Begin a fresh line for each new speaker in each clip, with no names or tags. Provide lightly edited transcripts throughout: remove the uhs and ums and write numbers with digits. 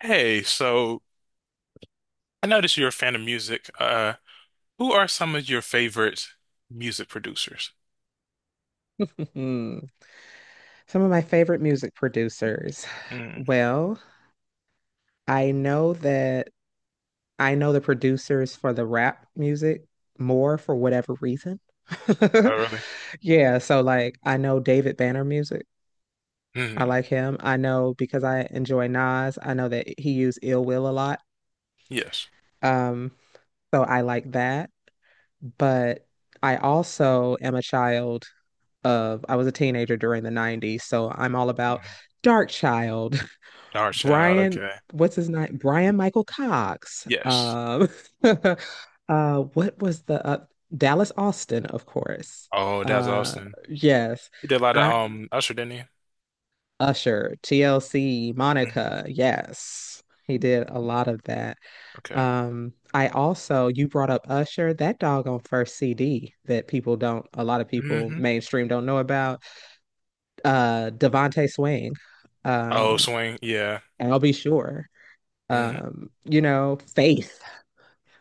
Hey, so I noticed you're a fan of music. Who are some of your favorite music producers?
Mm. Some of my favorite music producers.
Mm.
Well, I know that I know the producers for the rap music more for whatever reason.
Oh, really?
Yeah, so like I know David Banner music. I
Mm.
like him. I know because I enjoy Nas. I know that he used Ill Will a lot.
Yes.
Um, so I like that. But I also am a child of I was a teenager during the 90s, so I'm all about
Mhm.
Dark Child.
Dark Child,
Brian,
okay.
what's his name? Brian Michael Cox.
Yes.
Uh, what was the Dallas Austin, of course.
Oh, that's
Uh,
Austin.
yes,
He did a lot of
I
Usher, didn't he?
Usher, TLC, Monica.
Mhm.
Yes, he did a lot of that.
Okay.
I also, you brought up Usher, that doggone first CD that people don't, a lot of people
Hmm.
mainstream don't know about. Devontae Swing,
Oh,
um,
Swing, yeah.
and I'll be sure.
Mm.
Faith.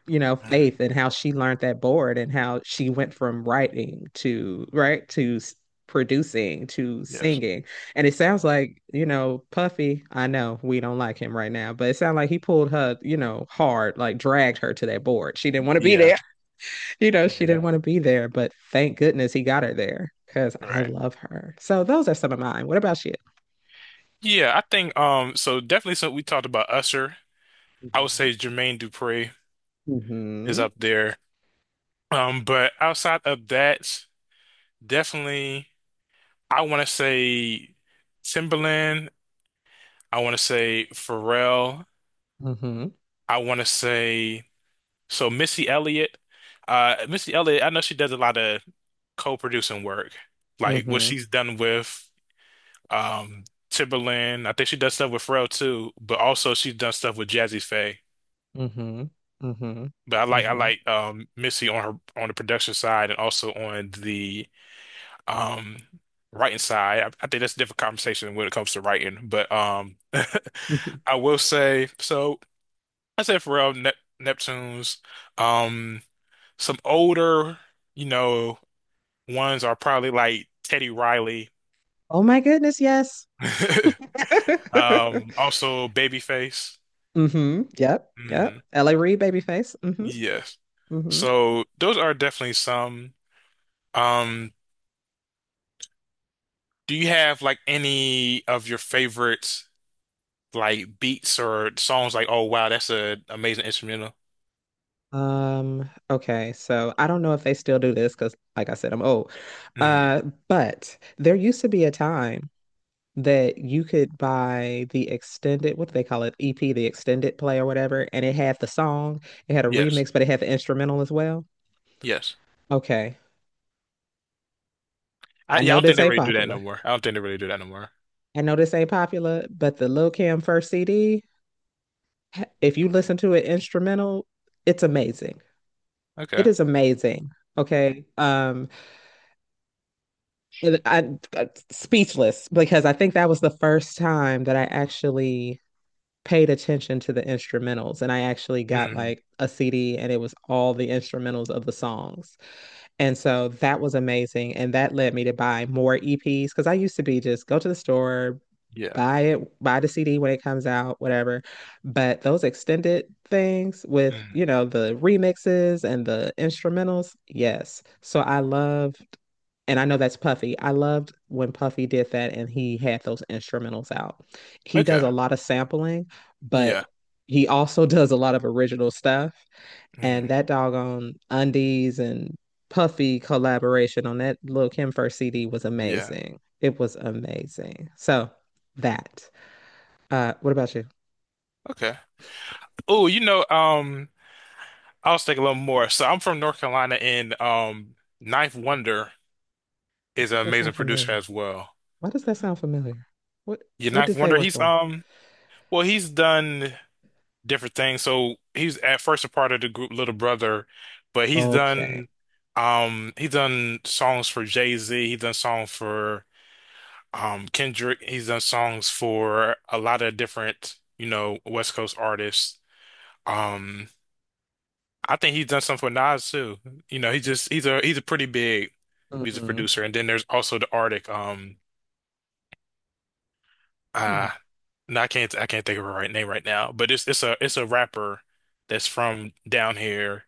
You know
Mhm.
Faith and how she learned that board and how she went from writing to right to producing to
Yes.
singing, and it sounds like, you know, Puffy, I know we don't like him right now, but it sounds like he pulled her, hard, like dragged her to that board. She didn't want to be
Yeah.
there. you know she
Yeah.
didn't want to be there, but thank goodness he got her there because I
Right.
love her. So those are some of mine. What about you?
Yeah, I think so definitely so we talked about Usher. I would
Mm.
say Jermaine Dupri is
Mm-hmm.
up there. But outside of that. Definitely, I want to say Timberland. I want to say Pharrell.
Mm-hmm.
I want to say so Missy Elliott. Missy Elliott, I know she does a lot of co-producing work, like what
Mm-hmm.
she's done with um, Timberland. I think she does stuff with Pharrell too, but also she's done stuff with Jazzy Faye.
Mm-hmm.
But I like I
Mm-hmm.
like Missy on her on the production side and also on the um writing side. I think that's a different conversation when it comes to writing. But
Mm-hmm.
I will say so I said Pharrell, Neptunes, um some older, you know, ones are probably like Teddy Riley.
Oh my goodness, yes.
Um, also Babyface.
Mm-hmm. Yep.
Mm,
Yep. L.A. Reid, babyface. Mm-hmm.
yes.
Mm-hmm.
So those are definitely some. Um, do you have like any of your favorite like beats or songs like oh wow that's a amazing instrumental?
Okay, so I don't know if they still do this because, like I said, I'm old.
Mm.
Uh, but there used to be a time that you could buy the extended, what do they call it? EP, the extended play or whatever, and it had the song, it had a
Yes.
remix, but it had the instrumental as well.
Yes.
Okay. I
Yeah, I
know
don't think
this
they
ain't
really do that
popular.
no more. I don't think they really do that no more.
I know this ain't popular, but the Lil Kim first CD, if you listen to an instrumental, it's amazing. It
Okay.
is amazing. Okay. I, I- speechless because I think that was the first time that I actually paid attention to the instrumentals, and I actually got
Mm.
like a CD and it was all the instrumentals of the songs. And so that was amazing. And that led me to buy more EPs because I used to be just go to the store,
Yeah.
buy it, buy the CD when it comes out, whatever. But those extended things with,
Mm.
you know, the remixes and the instrumentals, yes. So I loved, and I know that's Puffy. I loved when Puffy did that and he had those instrumentals out. He does
Okay.
a lot of sampling,
Yeah.
but he also does a lot of original stuff. And
Mm.
that doggone Undies and Puffy collaboration on that Lil Kim first CD was
Yeah.
amazing. It was amazing. So that. What about you?
Okay. Oh, you know, I was thinking a little more. So I'm from North Carolina, and Ninth Wonder is
Does
an
that sound
amazing producer
familiar?
as well.
Why does that sound familiar? What
Yeah,
what
Ninth
did they
Wonder.
work
He's
on?
well, he's done different things. So he's at first a part of the group Little Brother, but
Okay.
he's done songs for Jay-Z. He's done songs for um, Kendrick. He's done songs for a lot of different, you know, West Coast artists. Um, I think he's done some for Nas too. You know, he's a pretty big music
Mm-hmm.
producer. And then there's also the Arctic.
Mm-hmm.
Uh, no, I can't think of her right name right now, but it's a rapper that's from down here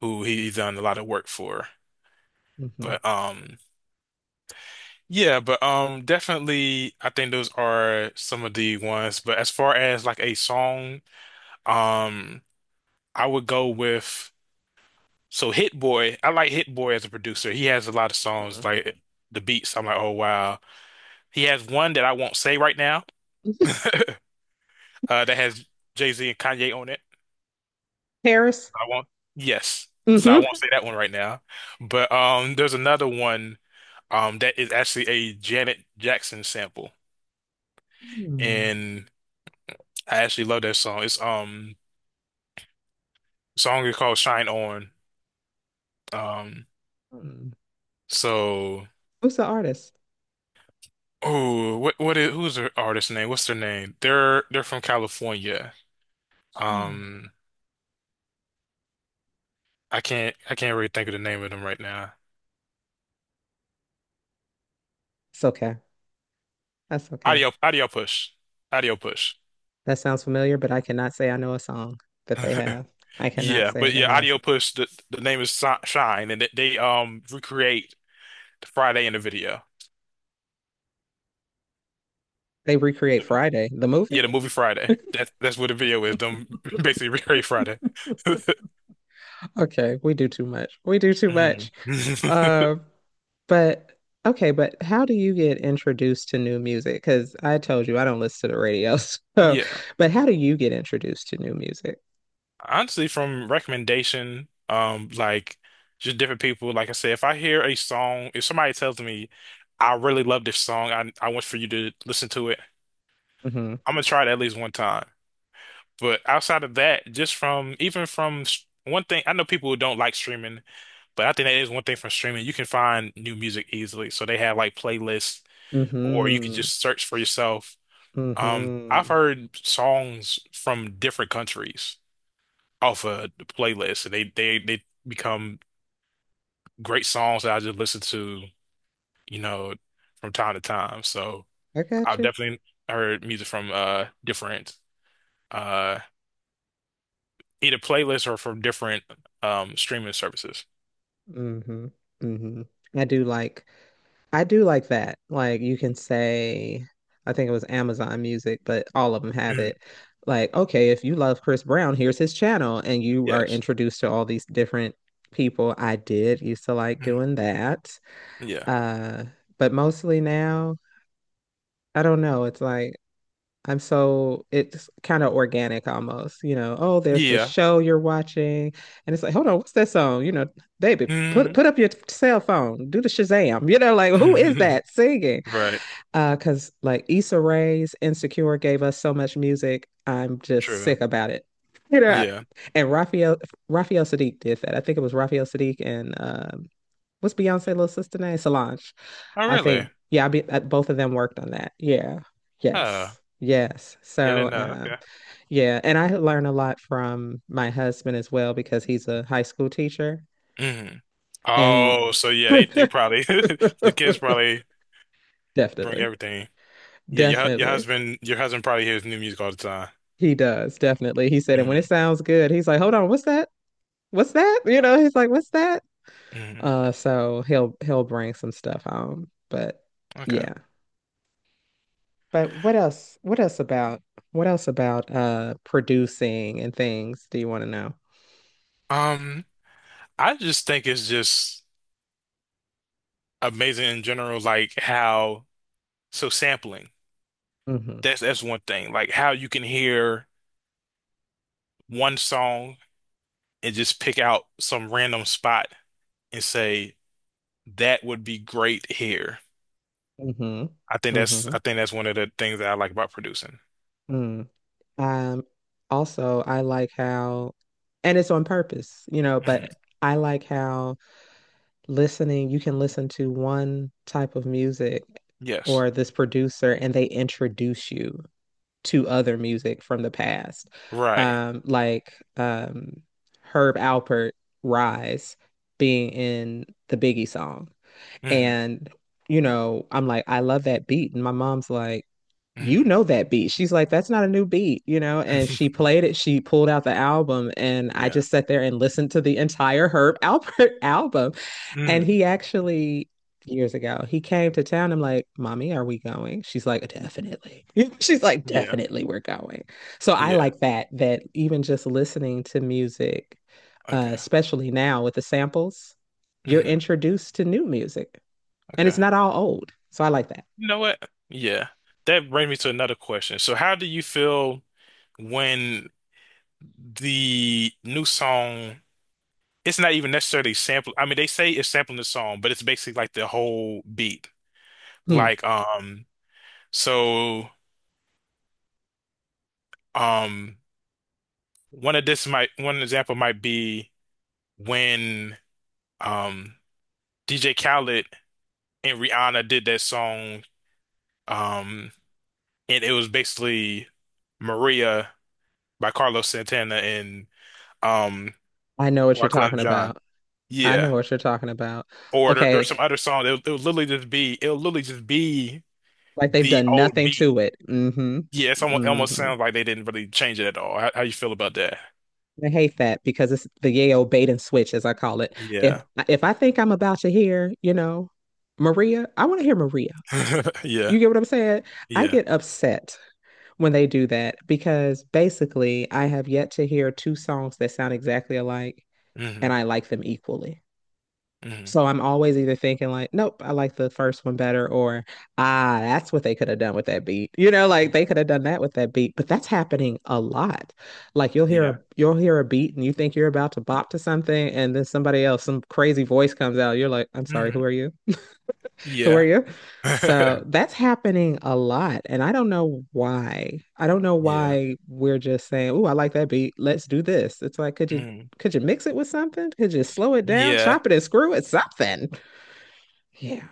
who he's done a lot of work for. But yeah, but definitely I think those are some of the ones. But as far as like a song. Um, I would go with so Hit Boy. I like Hit Boy as a producer. He has a lot of
Mm-hmm.
songs like the beats. I'm like, oh wow. He has one that I won't say right now. That has Jay-Z and Kanye on it.
Paris.
I won't. Yes, so I
Mm-hmm.
won't say that one right now. But there's another one that is actually a Janet Jackson sample, and I actually love that song. It's song is called Shine On. Um,
Mm-hmm.
so.
Who's the artist?
Oh, what is who's her artist name? What's their name? They're from California.
Mm.
Um, I can't really think of the name of them right now.
It's okay. That's okay.
Audio Audio Push, Audio Push.
That sounds familiar, but I cannot say I know a song that they have. I cannot
Yeah,
say I
but
didn't
yeah,
know a
Audio
song.
Push. The name is Shine, and they recreate Friday in the video.
They recreate Friday, the movie.
Yeah, the movie Friday. That's what the video is. Them basically recreate Friday.
Okay, we do too much. We do too much.
Mhm.
Um, But Okay, but how do you get introduced to new music? Because I told you I don't listen to the radio. So,
Yeah.
but how do you get introduced to new music?
Honestly, from recommendation, like just different people. Like I said, if I hear a song, if somebody tells me, I really love this song, I want for you to listen to it,
Hmm.
I'm gonna try it at least one time. But outside of that, just from even from one thing, I know people who don't like streaming, but I think that is one thing from streaming. You can find new music easily. So they have like playlists, or you can
Hmm.
just search for yourself. I've
Hmm.
heard songs from different countries off a playlist, and they become great songs that I just listen to, you know, from time to time. So
I got
I've
you.
definitely heard music from different uh either playlists or from different streaming services.
Hmm. Hmm. I do like I do like that. Like you can say, I think it was Amazon Music, but all of them have
Mm,
it. Like, okay, if you love Chris Brown, here's his channel, and you are
yes.
introduced to all these different people. I did used to like
Mm,
doing that.
yeah.
Uh, but mostly now, I don't know. It's like I'm so it's kind of organic almost, you know. Oh, there's this
Yeah.
show you're watching, and it's like, hold on, what's that song? You know, baby, put
Mm.
put up your cell phone, do the Shazam, you know, like who is that singing?
Right.
Because like Issa Rae's Insecure gave us so much music. I'm just
True.
sick about it. You know,
Yeah.
and Raphael Sadiq did that. I think it was Raphael Sadiq and what's Beyonce little sister name? Solange.
Oh,
I
really?
think yeah, both of them worked on that. Yeah.
Uh,
Yes. Yes.
yeah, I didn't know. Okay.
Yeah, and I learn a lot from my husband as well because he's a high school teacher,
Mm.
and
Oh, so yeah, they probably the kids probably bring
definitely.
everything. Yeah, your
Definitely.
husband probably hears new music all the time.
He does, definitely. He said, and when it
Hmm.
sounds good, he's like, hold on, what's that? What's that? You know, he's like, what's that?
Hmm.
So he'll bring some stuff home. But
Okay.
yeah. But what else? What else about producing and things do you want to know?
Um, I just think it's just amazing in general, like how so sampling.
Mm-hmm.
That's one thing. Like how you can hear one song and just pick out some random spot and say that would be great here.
Mm-hmm.
I think that's
Mm-hmm.
I think that's one of the things that I like about producing.
Mm. Um, Also I like how, and it's on purpose, you know, but
Hmm.
I like how listening, you can listen to one type of music
Yes.
or this producer, and they introduce you to other music from the past.
Right.
Um, like um, Herb Alpert, Rise, being in the Biggie song.
Hmm.
And, you know, I'm like, I love that beat. And my mom's like, you
Hmm.
know that beat. She's like, that's not a new beat, you know? And she played it. She pulled out the album, and I
Yeah.
just sat there and listened to the entire Herb Alpert album. And
Hmm.
he actually, years ago, he came to town. I'm like, Mommy, are we going? She's like, definitely. She's like,
Yeah.
definitely, we're going. So I
Yeah.
like that, that even just listening to music,
Okay.
especially now with the samples, you're
Mhm.
introduced to new music and it's
Okay.
not all old. So I like that.
You know what? Yeah. That brings me to another question. So how do you feel when the new song, it's not even necessarily sample. I mean, they say it's sampling the song, but it's basically like the whole beat.
Hmm.
Like, so, um, one of one example might be when, um, DJ Khaled and Rihanna did that song, um, and it was basically Maria by Carlos Santana and, um
I know what you're
Wyclef
talking
Jean.
about. I know
Yeah.
what you're talking about.
Or
Okay,
there's some other song. It'll, it'll literally just be it'll literally just be
like they've
the
done
old
nothing
beat.
to it. Mm-hmm.
Yeah, it almost
Mm-hmm.
sounds like they didn't really change it at all. How you feel about that?
I hate that because it's the Yale bait and switch, as I call it. If
Yeah.
if I think I'm about to hear, you know, Maria, I want to hear Maria.
Yeah.
You get what I'm saying? I
Yeah.
get upset when they do that because basically I have yet to hear two songs that sound exactly alike and
Hmm.
I like them equally.
Hmm.
So I'm always either thinking like, nope, I like the first one better, or ah, that's what they could have done with that beat. You know, like they could have done that with that beat. But that's happening a lot. Like
Yeah.
you'll hear a beat and you think you're about to bop to something, and then somebody else, some crazy voice comes out. You're like, I'm sorry, who
Hmm.
are you? Who are
Yeah.
you? So that's happening a lot. And I don't know why. I don't know
Yeah.
why we're just saying, oh, I like that beat. Let's do this. It's like,
Hmm.
could you mix it with something? Could you slow it down,
Yeah.
chop it and screw it, something? Yeah.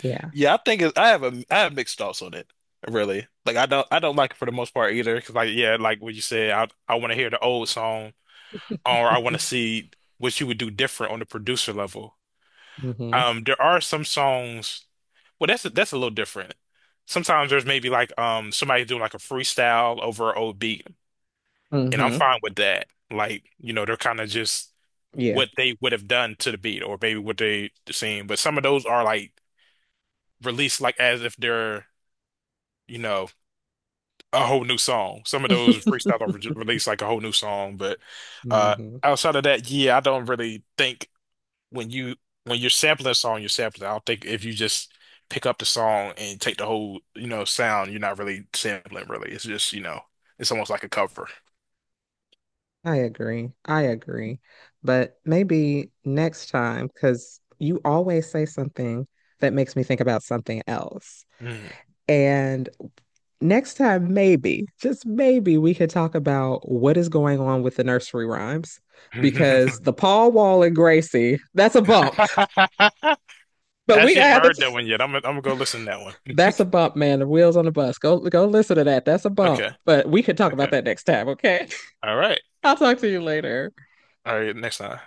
Yeah.
Yeah, I have a I have mixed thoughts on it, really. Like I don't like it for the most part either. 'Cause like yeah, like what you said, I want to hear the old song, or I want to see what you would do different on the producer level.
Hmm.
There are some songs. Well, that's a little different. Sometimes there's maybe like somebody doing like a freestyle over an old beat, and I'm
Hmm.
fine with that. Like, you know, they're kind of just
Yeah.
what they would have done to the beat or maybe what they seen. But some of those are like released like as if they're, you know, a whole new song. Some of those freestyles are re released like a whole new song, but uh
Hmm.
outside of that, yeah, I don't really think when you when you're sampling a song, you're sampling. I don't think if you just pick up the song and take the whole, you know, sound, you're not really sampling really. It's just, you know, it's almost like a cover.
I agree. I agree. But maybe next time, because you always say something that makes me think about something else.
Mm.
And next time, maybe, just maybe, we could talk about what is going on with the nursery rhymes because the Paul Wall and Gracie, that's a bump. But we
Actually,
gonna
haven't
have
heard that
to.
one yet. I'm gonna go listen to that one.
That's a bump, man. The wheels on the bus. Go listen to that. That's a bump.
Okay.
But we could talk about
Okay.
that next time, okay?
All right.
I'll talk to you later.
All right. Next time.